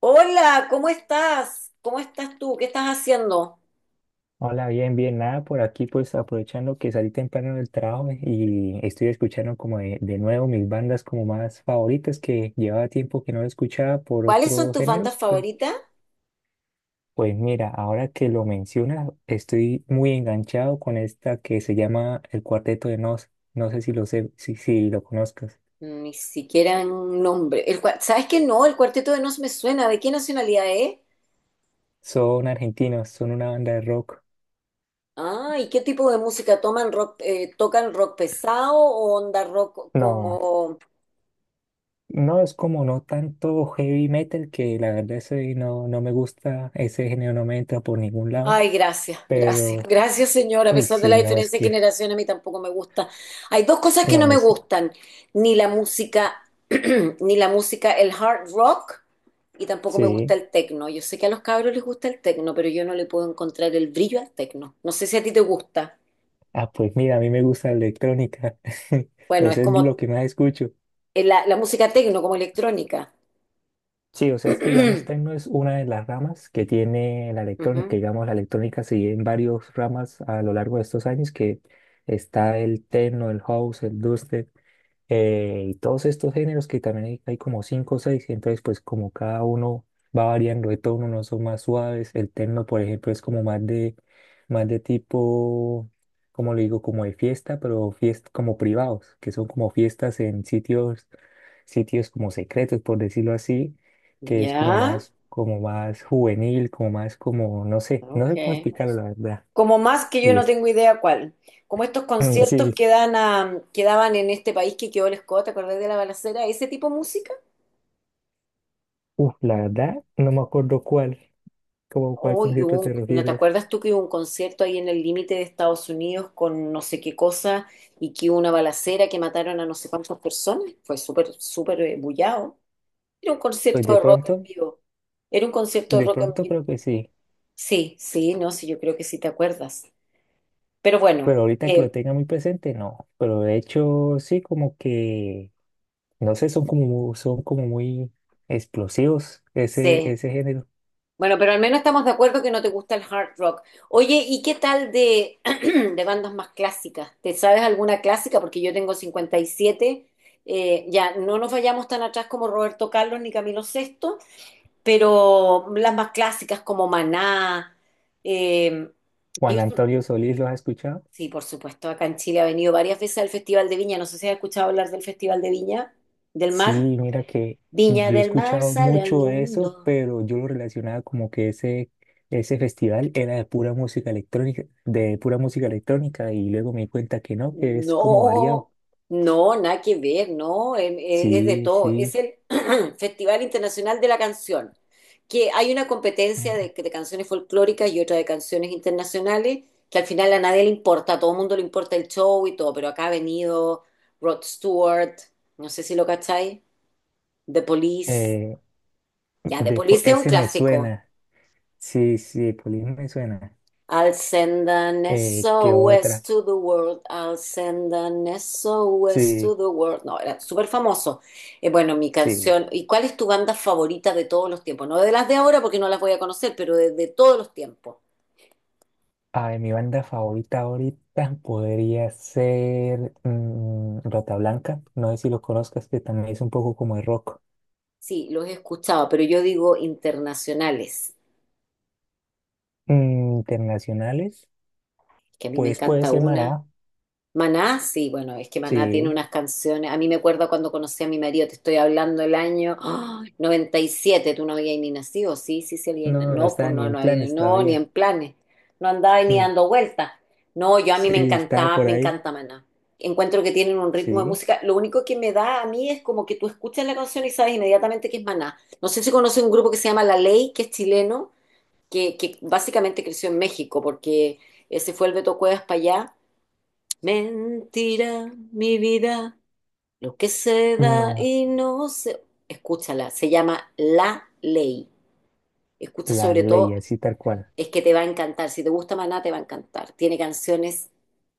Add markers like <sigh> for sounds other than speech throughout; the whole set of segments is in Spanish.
Hola, ¿cómo estás? ¿Cómo estás tú? ¿Qué estás haciendo? Hola, bien, bien, nada por aquí, pues aprovechando que salí temprano del trabajo y estoy escuchando como de nuevo mis bandas como más favoritas que llevaba tiempo que no escuchaba por ¿Cuáles son otros tus bandas géneros. Pues, favoritas? pues mira, ahora que lo mencionas, estoy muy enganchado con esta que se llama El Cuarteto de Nos. No sé si lo sé, si lo conozcas. Ni siquiera un nombre. ¿Sabes qué? No, el Cuarteto de Nos me suena. ¿De qué nacionalidad es? Son argentinos, son una banda de rock. Ah, ¿y qué tipo de música toman rock, tocan rock pesado o onda rock No, como... no es como no tanto heavy metal, que la verdad ese no, no me gusta, ese género no me entra por ningún lado. Ay, gracias, gracias, Pero, gracias, señora. A uy, pesar de la sí, no, es diferencia de que, generación, a mí tampoco me gusta. Hay dos cosas que no no, me es, gustan, ni la música, <clears throat> ni la música, el hard rock, y tampoco me gusta sí. el techno. Yo sé que a los cabros les gusta el techno, pero yo no le puedo encontrar el brillo al techno. No sé si a ti te gusta. Ah, pues mira, a mí me gusta la electrónica. <laughs> Bueno, O es sea, es lo como que más escucho. La música techno, como electrónica. Sí, o sea, es <clears throat> que, digamos, techno es una de las ramas que tiene la electrónica. Ujú. Digamos, la electrónica se divide en varias ramas a lo largo de estos años, que está el techno, el house, el dubstep. Y todos estos géneros que también hay como cinco o seis, entonces pues como cada uno va variando de tono, unos son más suaves, el techno por ejemplo es como más de tipo, como le digo, como de fiesta, pero fiestas como privados, que son como fiestas en sitios, sitios como secretos, por decirlo así, que es Ya, como más juvenil, como más como, no sé, no ok, sé cómo explicarlo la verdad. como más que yo Y no es, tengo idea cuál. Como estos <clears throat> conciertos sí, que dan a, que daban en este país que quedó el Scott, ¿te acordás de la balacera? ¿Ese tipo de música? uf, la verdad, no me acuerdo cuál. ¿Cómo cuál concierto te ¿No te refieres? acuerdas tú que hubo un concierto ahí en el límite de Estados Unidos con no sé qué cosa y que hubo una balacera que mataron a no sé cuántas personas? Fue súper, súper bullado. Era un Pues concierto de rock en vivo. Era un concierto de de rock en pronto vivo. creo que sí, Sí, sí, no, sí, yo creo que sí te acuerdas. Pero bueno, pero ahorita que lo eh, tenga muy presente, no. Pero de hecho, sí, como que, no sé, son como, son como muy explosivos ese, sí. ese género. Bueno, pero al menos estamos de acuerdo que no te gusta el hard rock. Oye, ¿y qué tal de, <clears throat> de bandas más clásicas? ¿Te sabes alguna clásica? Porque yo tengo 57. Ya no nos vayamos tan atrás como Roberto Carlos ni Camilo Sesto, pero las más clásicas como Maná. eh, Juan ellos son- Antonio Solís, ¿lo has escuchado? sí, por supuesto, acá en Chile ha venido varias veces al Festival de Viña. No sé si has escuchado hablar del Festival de Viña del Sí, Mar. mira que Viña yo he del Mar escuchado sale al mucho eso, mundo. pero yo lo relacionaba como que ese festival era de pura música electrónica, de pura música electrónica, y luego me di cuenta que no, que es como variado. No, no, nada que ver, no, es, de Sí, todo. Es sí. el <clears throat> Festival Internacional de la Canción, que hay una competencia de canciones folclóricas y otra de canciones internacionales, que al final a nadie le importa, a todo el mundo le importa el show y todo, pero acá ha venido Rod Stewart, no sé si lo cacháis, The Police, Eh, ya, The Police es un ese me clásico. suena. Sí, sí, Police me suena. I'll send an ¿Qué SOS otra? to the world, I'll send an SOS to Sí, the world. No, era súper famoso. Bueno, mi sí. canción. ¿Y cuál es tu banda favorita de todos los tiempos? No de las de ahora porque no las voy a conocer, pero de todos los tiempos. Ay, mi banda favorita ahorita podría ser Rata Blanca. No sé si lo conozcas, que también es un poco como de rock. Sí, los he escuchado, pero yo digo internacionales, Mm, internacionales, que a mí me pues puede encanta ser una. Mará. Maná, sí, bueno, es que Maná tiene Sí, unas canciones. A mí me acuerdo cuando conocí a mi marido, te estoy hablando el año ¡ah! Noventa y siete, tú no habías ni nacido, sí, sí, sí, había, no, no no, estaba pues ni no, en no había, planes no, ni en todavía. <laughs> planes, no andaba ni Mm, dando vueltas. No, yo a mí sí, me estaba encantaba, por me ahí. encanta Maná. Encuentro que tienen un ritmo de Sí, música. Lo único que me da a mí es como que tú escuchas la canción y sabes inmediatamente que es Maná. No sé si conoces un grupo que se llama La Ley, que es chileno, que básicamente creció en México, porque se fue el Beto Cuevas para allá. Mentira, mi vida, lo que se da no, y no se... Escúchala, se llama La Ley. Escucha la sobre ley todo, así tal cual. es que te va a encantar. Si te gusta Maná, te va a encantar. Tiene canciones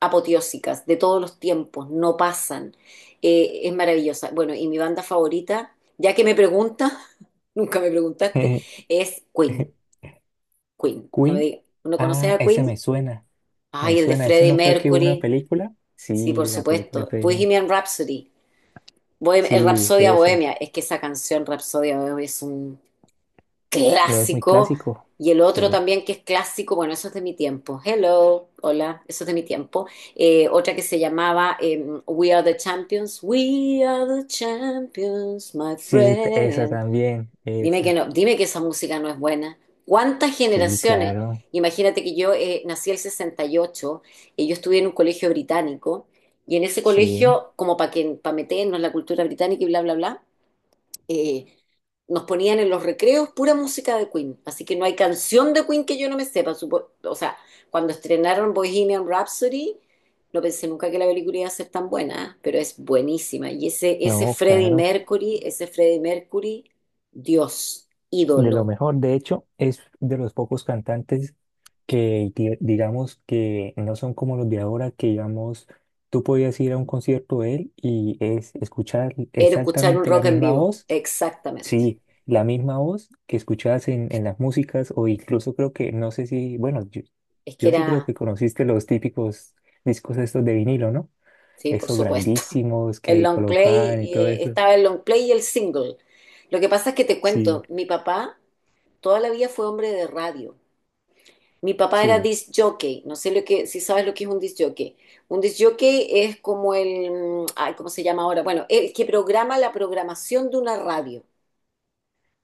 apoteósicas de todos los tiempos, no pasan. Es maravillosa. Bueno, y mi banda favorita, ya que me pregunta, <laughs> nunca me preguntaste, <laughs> es Queen. Queen. No me Queen. digas, ¿no conoces Ah, a ese me Queen? suena. Me Ay, el de suena. ¿Eso Freddie no fue que hubo una Mercury. película? Sí, Sí, por la película supuesto. fue de mí. Bohemian Rhapsody. El Sí, Rapsodia esa. Bohemia, es que esa canción Rapsodia Bohemia es un ¿No es muy clásico. clásico? Y el otro Sí. también que es clásico, bueno, eso es de mi tiempo. Hello, hola, eso es de mi tiempo. Otra que se llamaba We Are the Champions. We are the champions, my Esa friend. también. Dime que Esa. no, dime que esa música no es buena. ¿Cuántas Sí, generaciones? claro. Imagínate que yo nací el 68 y ocho y yo estudié en un colegio británico. Y en ese Sí. colegio, como para meternos la cultura británica y bla, bla, bla, eh, nos ponían en los recreos pura música de Queen. Así que no hay canción de Queen que yo no me sepa. O sea, cuando estrenaron Bohemian Rhapsody, no pensé nunca que la película iba a ser tan buena, ¿eh? Pero es buenísima. Y ese No, Freddie claro. Mercury, ese Freddie Mercury, Dios, De lo ídolo. mejor. De hecho, es de los pocos cantantes que digamos que no son como los de ahora, que digamos, tú podías ir a un concierto de él y es escuchar Era escuchar un exactamente la rock en misma vivo. voz. Exactamente. Sí, la misma voz que escuchabas en las músicas o incluso creo que, no sé si, bueno, yo, Es que yo sí creo era, que conociste los típicos discos estos de vinilo, ¿no? sí, por Esos supuesto. <laughs> grandísimos El que long play, colocaban y todo eso. estaba el long play y el single. Lo que pasa es que te Sí, cuento, mi papá toda la vida fue hombre de radio. Mi papá era sí. disc jockey, si sabes lo que es un disc jockey. Un disc jockey es como el, ay, ¿cómo se llama ahora? Bueno, el que programa la programación de una radio.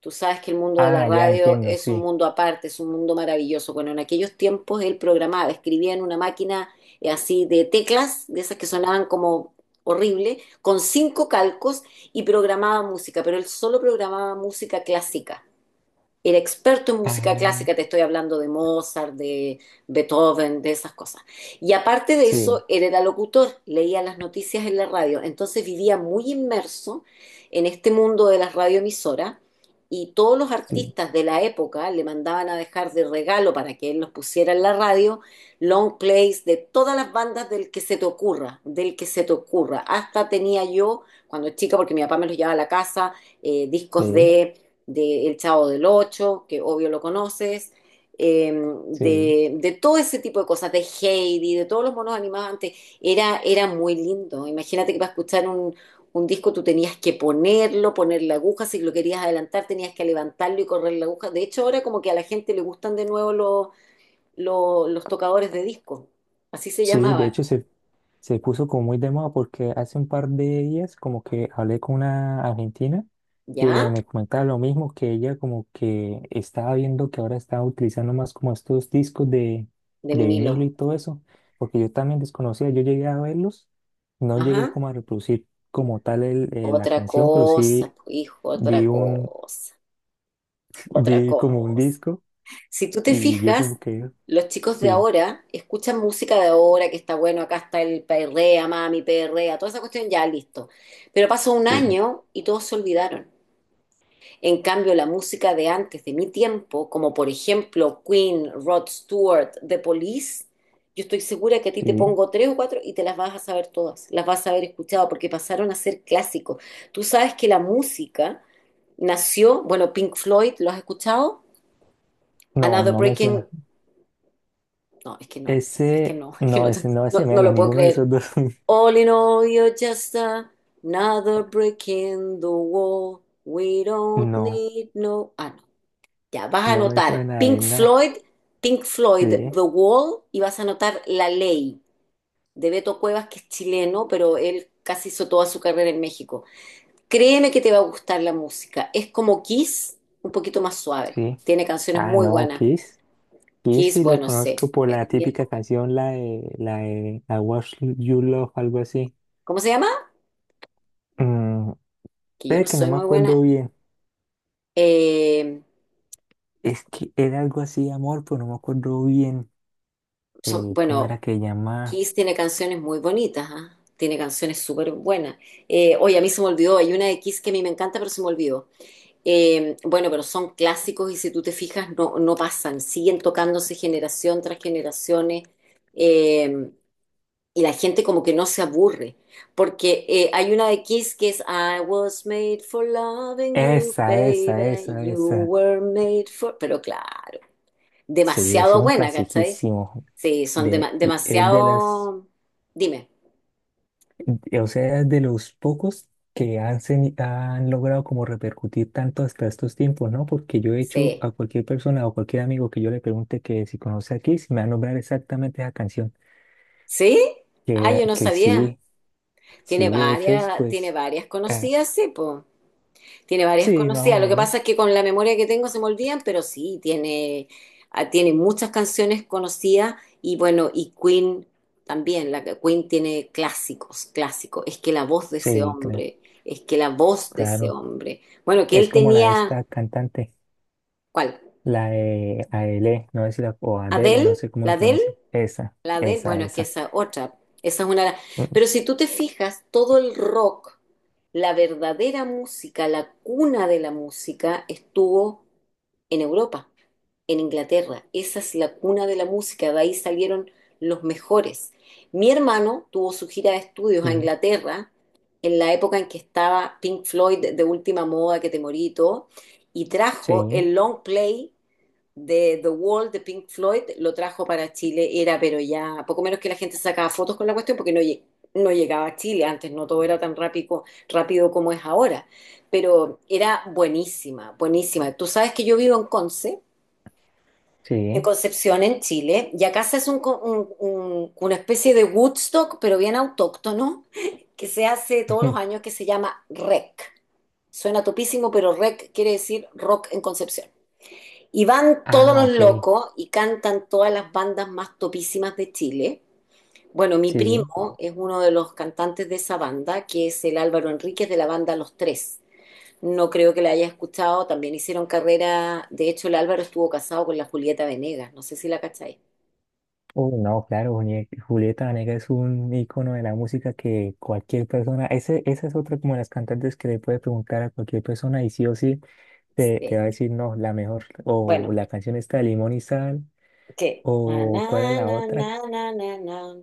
Tú sabes que el mundo de la Ah, ya radio entiendo, es un sí. mundo aparte, es un mundo maravilloso. Bueno, en aquellos tiempos él programaba, escribía en una máquina así de teclas, de esas que sonaban como horrible, con cinco calcos, y programaba música, pero él solo programaba música clásica, era experto en música Ah, clásica, te estoy hablando de Mozart, de Beethoven, de esas cosas. Y aparte de sí, eso, él era locutor, leía las noticias en la radio, entonces vivía muy inmerso en este mundo de las radioemisoras y todos los sí, artistas de la época le mandaban a dejar de regalo para que él los pusiera en la radio, long plays de todas las bandas del que se te ocurra, del que se te ocurra. Hasta tenía yo, cuando chica, porque mi papá me los llevaba a la casa, discos sí, de El Chavo del Ocho, que obvio lo conoces, eh, sí. De todo ese tipo de cosas, de Heidi, de todos los monos animados antes, era, era muy lindo. Imagínate que para escuchar un disco tú tenías que ponerlo, poner la aguja, si lo querías adelantar tenías que levantarlo y correr la aguja. De hecho, ahora como que a la gente le gustan de nuevo los tocadores de disco, así se Sí, de llamaban, hecho se, se puso como muy de moda porque hace un par de días como que hablé con una argentina que ¿ya? me comentaba lo mismo, que ella como que estaba viendo que ahora estaba utilizando más como estos discos De de vinilo vinilo. y todo eso, porque yo también desconocía, yo llegué a verlos, no llegué Ajá. como a reproducir como tal la Otra canción, pero cosa, sí pues, hijo, vi otra un, cosa, <laughs> otra vi como un cosa. disco Si tú te y yo fijas, como que, los chicos de sí, ahora escuchan música de ahora, que está bueno, acá está el perrea, mami, perrea, toda esa cuestión, ya listo. Pero pasó un sí, año y todos se olvidaron. En cambio, la música de antes, de mi tiempo, como por ejemplo Queen, Rod Stewart, The Police, yo estoy segura que a ti te sí, pongo tres o cuatro y te las vas a saber todas, las vas a haber escuchado porque pasaron a ser clásicos. Tú sabes que la música nació, bueno, Pink Floyd, ¿lo has escuchado? no, Another no me Breaking... suena. No, es que no, es que Ese, no, <laughs> es que no, no, ese no, no, ese no menos, lo puedo ninguno de creer. esos dos. <laughs> All in all, you're just another brick in the wall. We don't No, need no. Ah, no. Ya, vas a no me anotar suena Pink de nada. Floyd, Pink Floyd, Sí, The Wall, y vas a anotar La Ley de Beto Cuevas, que es chileno, pero él casi hizo toda su carrera en México. Créeme que te va a gustar la música. Es como Kiss, un poquito más suave. sí. Tiene canciones Ah, muy no, buenas. Kiss. Kiss Kiss, sí lo bueno, sé, conozco por es la de mi típica época. canción, la de I Was You Love, algo así. ¿Cómo se llama? Mm, Que yo no pero que no soy me muy buena. acuerdo bien. eh, Es que era algo así, de amor, pero no me acuerdo bien. ¿Cómo era bueno, que llamaba? Kiss tiene canciones muy bonitas, ¿ah? Tiene canciones súper buenas. Oye, a mí se me olvidó, hay una de Kiss que a mí me encanta, pero se me olvidó. Bueno, pero son clásicos y si tú te fijas, no, no pasan, siguen tocándose generación tras generaciones, eh, y la gente como que no se aburre, porque hay una de Kiss que es I was made for loving you, Esa, esa, baby, esa, you esa. were made for... Pero claro. Sí, ese Demasiado es un buena, ¿cachai? clasiquísimo. Sí, son De, es de las. demasiado... Dime, O sea, es de los pocos que han, han logrado como repercutir tanto hasta estos tiempos, ¿no? Porque yo he hecho sí. a cualquier persona o cualquier amigo que yo le pregunte que si conoce a Kiss, me va a nombrar exactamente esa canción. ¿Sí? Ah, yo no Que sabía. sí, sí, de hecho es Tiene pues, varias eh, conocidas, sí, pues. Tiene varias sí, más o conocidas. Lo que pasa es menos. que con la memoria que tengo se me olvidan, pero sí, tiene, ah, tiene muchas canciones conocidas y bueno, y Queen también. La Queen tiene clásicos, clásicos. Es que la voz de ese Sí, claro, hombre, es que la voz de ese claro. hombre. Bueno, que Es él como la de tenía, esta cantante, ¿cuál? la de Adele, no sé si la, o Adele, ¿Adele? no sé cómo ¿La se Adele? pronuncia. Esa, La de, esa, bueno, es que esa. esa otra, esa es una... Mm, Pero si tú te fijas, todo el rock, la verdadera música, la cuna de la música, estuvo en Europa, en Inglaterra. Esa es la cuna de la música, de ahí salieron los mejores. Mi hermano tuvo su gira de estudios a sí, Inglaterra en la época en que estaba Pink Floyd de última moda, que te morí y todo, y trajo sí, el long play de The Wall de Pink Floyd, lo trajo para Chile, era pero ya poco menos que la gente sacaba fotos con la cuestión porque no, no llegaba a Chile, antes no todo era tan rápido, rápido como es ahora, pero era buenísima, buenísima. Tú sabes que yo vivo en Conce, en sí. Concepción, en Chile, y acá se hace un co- un- una especie de Woodstock, pero bien autóctono, <laughs> que se hace todos los años, <laughs> que se llama REC. Suena topísimo, pero REC quiere decir rock en Concepción. Y van todos Ah, los ok. locos y cantan todas las bandas más topísimas de Chile. Bueno, mi Sí, primo es uno de los cantantes de esa banda, que es el Álvaro Enríquez de la banda Los Tres. No creo que la haya escuchado, también hicieron carrera. De hecho, el Álvaro estuvo casado con la Julieta Venegas, no sé si la cacháis. uy, no, claro, Julieta Venegas es un icono de la música que cualquier persona, ese, esa es otra como las cantantes que le puede preguntar a cualquier persona y sí o sí te Sí. va a decir, no, la mejor, o Bueno, la canción está de Limón y Sal, ¿qué? Na, o cuál es na, la na, otra. na, na, na, na.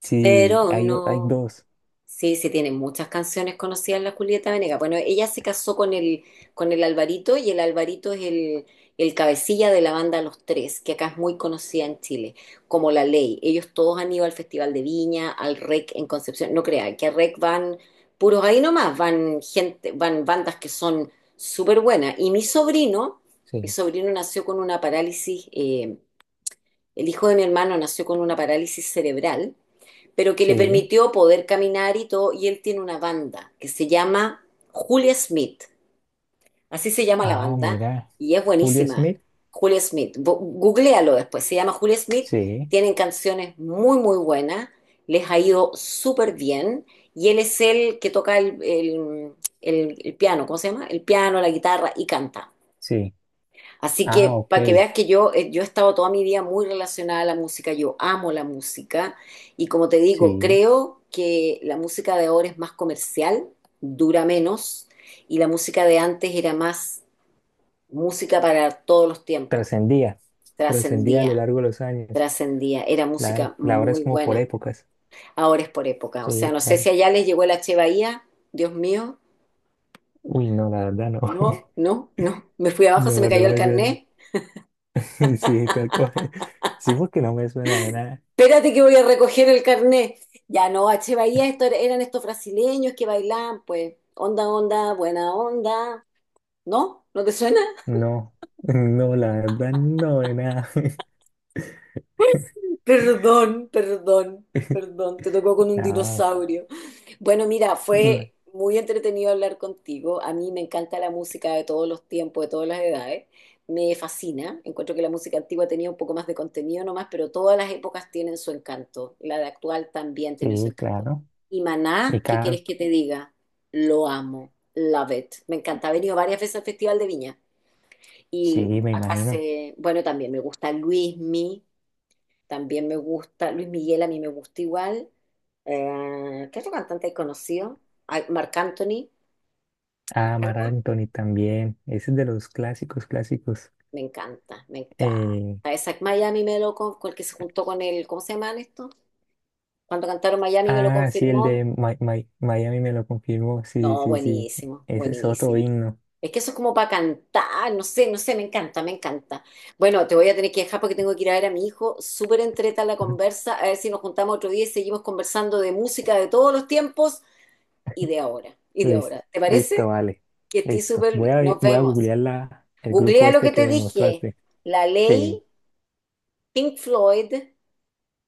Sí, Pero hay, hay no, dos. sí, sí, tiene muchas canciones conocidas la Julieta Venegas. Bueno, ella se casó con el Alvarito, y el Alvarito es el cabecilla de la banda Los Tres, que acá es muy conocida en Chile, como La Ley. Ellos todos han ido al Festival de Viña, al REC en Concepción. No crean que al REC van puros ahí nomás, van gente, van bandas que son súper buenas. Y mi Sí, sobrino nació con una parálisis, el hijo de mi hermano nació con una parálisis cerebral pero que le sí. permitió poder caminar y todo. Y él tiene una banda que se llama Julia Smith, así se llama la Ah, banda, mira, y es Julia buenísima. Smith. Julia Smith, googlealo después, se llama Julia Smith, Sí, tienen canciones muy, muy buenas, les ha ido súper bien, y él es el que toca el piano. ¿Cómo se llama? El piano, la guitarra y canta. sí. Así Ah, que ok, para que veas que yo, yo he estado toda mi vida muy relacionada a la música, yo amo la música, y como te digo, sí. creo que la música de ahora es más comercial, dura menos, y la música de antes era más música para todos los tiempos, Trascendía, trascendía a lo trascendía, largo de los años. trascendía, era Claro, música la hora es muy como por buena, épocas. ahora es por época. O sea, Sí, no sé claro. si allá les llegó la Che Bahía, Dios mío, Uy, no, la verdad no. no, <laughs> no, no, me fui abajo, se me No, cayó no el me suena. carnet. <laughs> Sí, tal cual. Sí, porque no me suena de nada. Espérate que voy a recoger el carnet. Ya no, H. Bahía, esto eran estos brasileños que bailaban, pues, onda, onda, buena onda. ¿No? ¿No te suena? No, <laughs> no, la verdad no de nada. Perdón, perdón, <laughs> perdón, te tocó con un No, dinosaurio. Bueno, mira, no. fue muy entretenido hablar contigo. A mí me encanta la música de todos los tiempos, de todas las edades. Me fascina. Encuentro que la música antigua tenía un poco más de contenido nomás, pero todas las épocas tienen su encanto. La de actual también tiene su Sí, encanto. claro. Y Y Maná, ¿qué Carl, quieres que te diga? Lo amo. Love it. Me encanta. He venido varias veces al Festival de Viña. sí, Y me acá imagino. se, bueno, también me gusta Luismi. También me gusta, Luis Miguel a mí me gusta igual. ¿Qué otro cantante hay conocido? Marc Anthony, ¿te Ah, Mar carga? Anthony también. Ese es de los clásicos, clásicos. Me encanta, me encanta. Eh, Isaac Miami me lo con el que se juntó con él, ¿cómo se llaman estos? Cuando cantaron Miami me lo ah, sí, el confirmó. de Miami me lo confirmó. Sí, No, sí, sí. buenísimo, Ese es otro buenísimo. himno. Es que eso es como para cantar, no sé, no sé, me encanta, me encanta. Bueno, te voy a tener que dejar porque tengo que ir a ver a mi hijo. Súper entreta la conversa, a ver si nos juntamos otro día y seguimos conversando de música de todos los tiempos y de ahora, y de Listo, ahora. ¿Te parece? listo, vale. Que estoy Listo. súper... Voy a, Nos voy a vemos. googlear la, el grupo Googlea lo este que te que dije. mostraste. La Sí, ley Pink Floyd,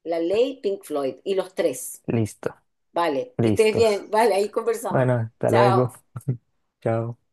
la ley Pink Floyd y los tres. listo, Vale, que estés listos. bien. Vale, ahí conversamos. Bueno, hasta luego. Chao. <laughs> Chao.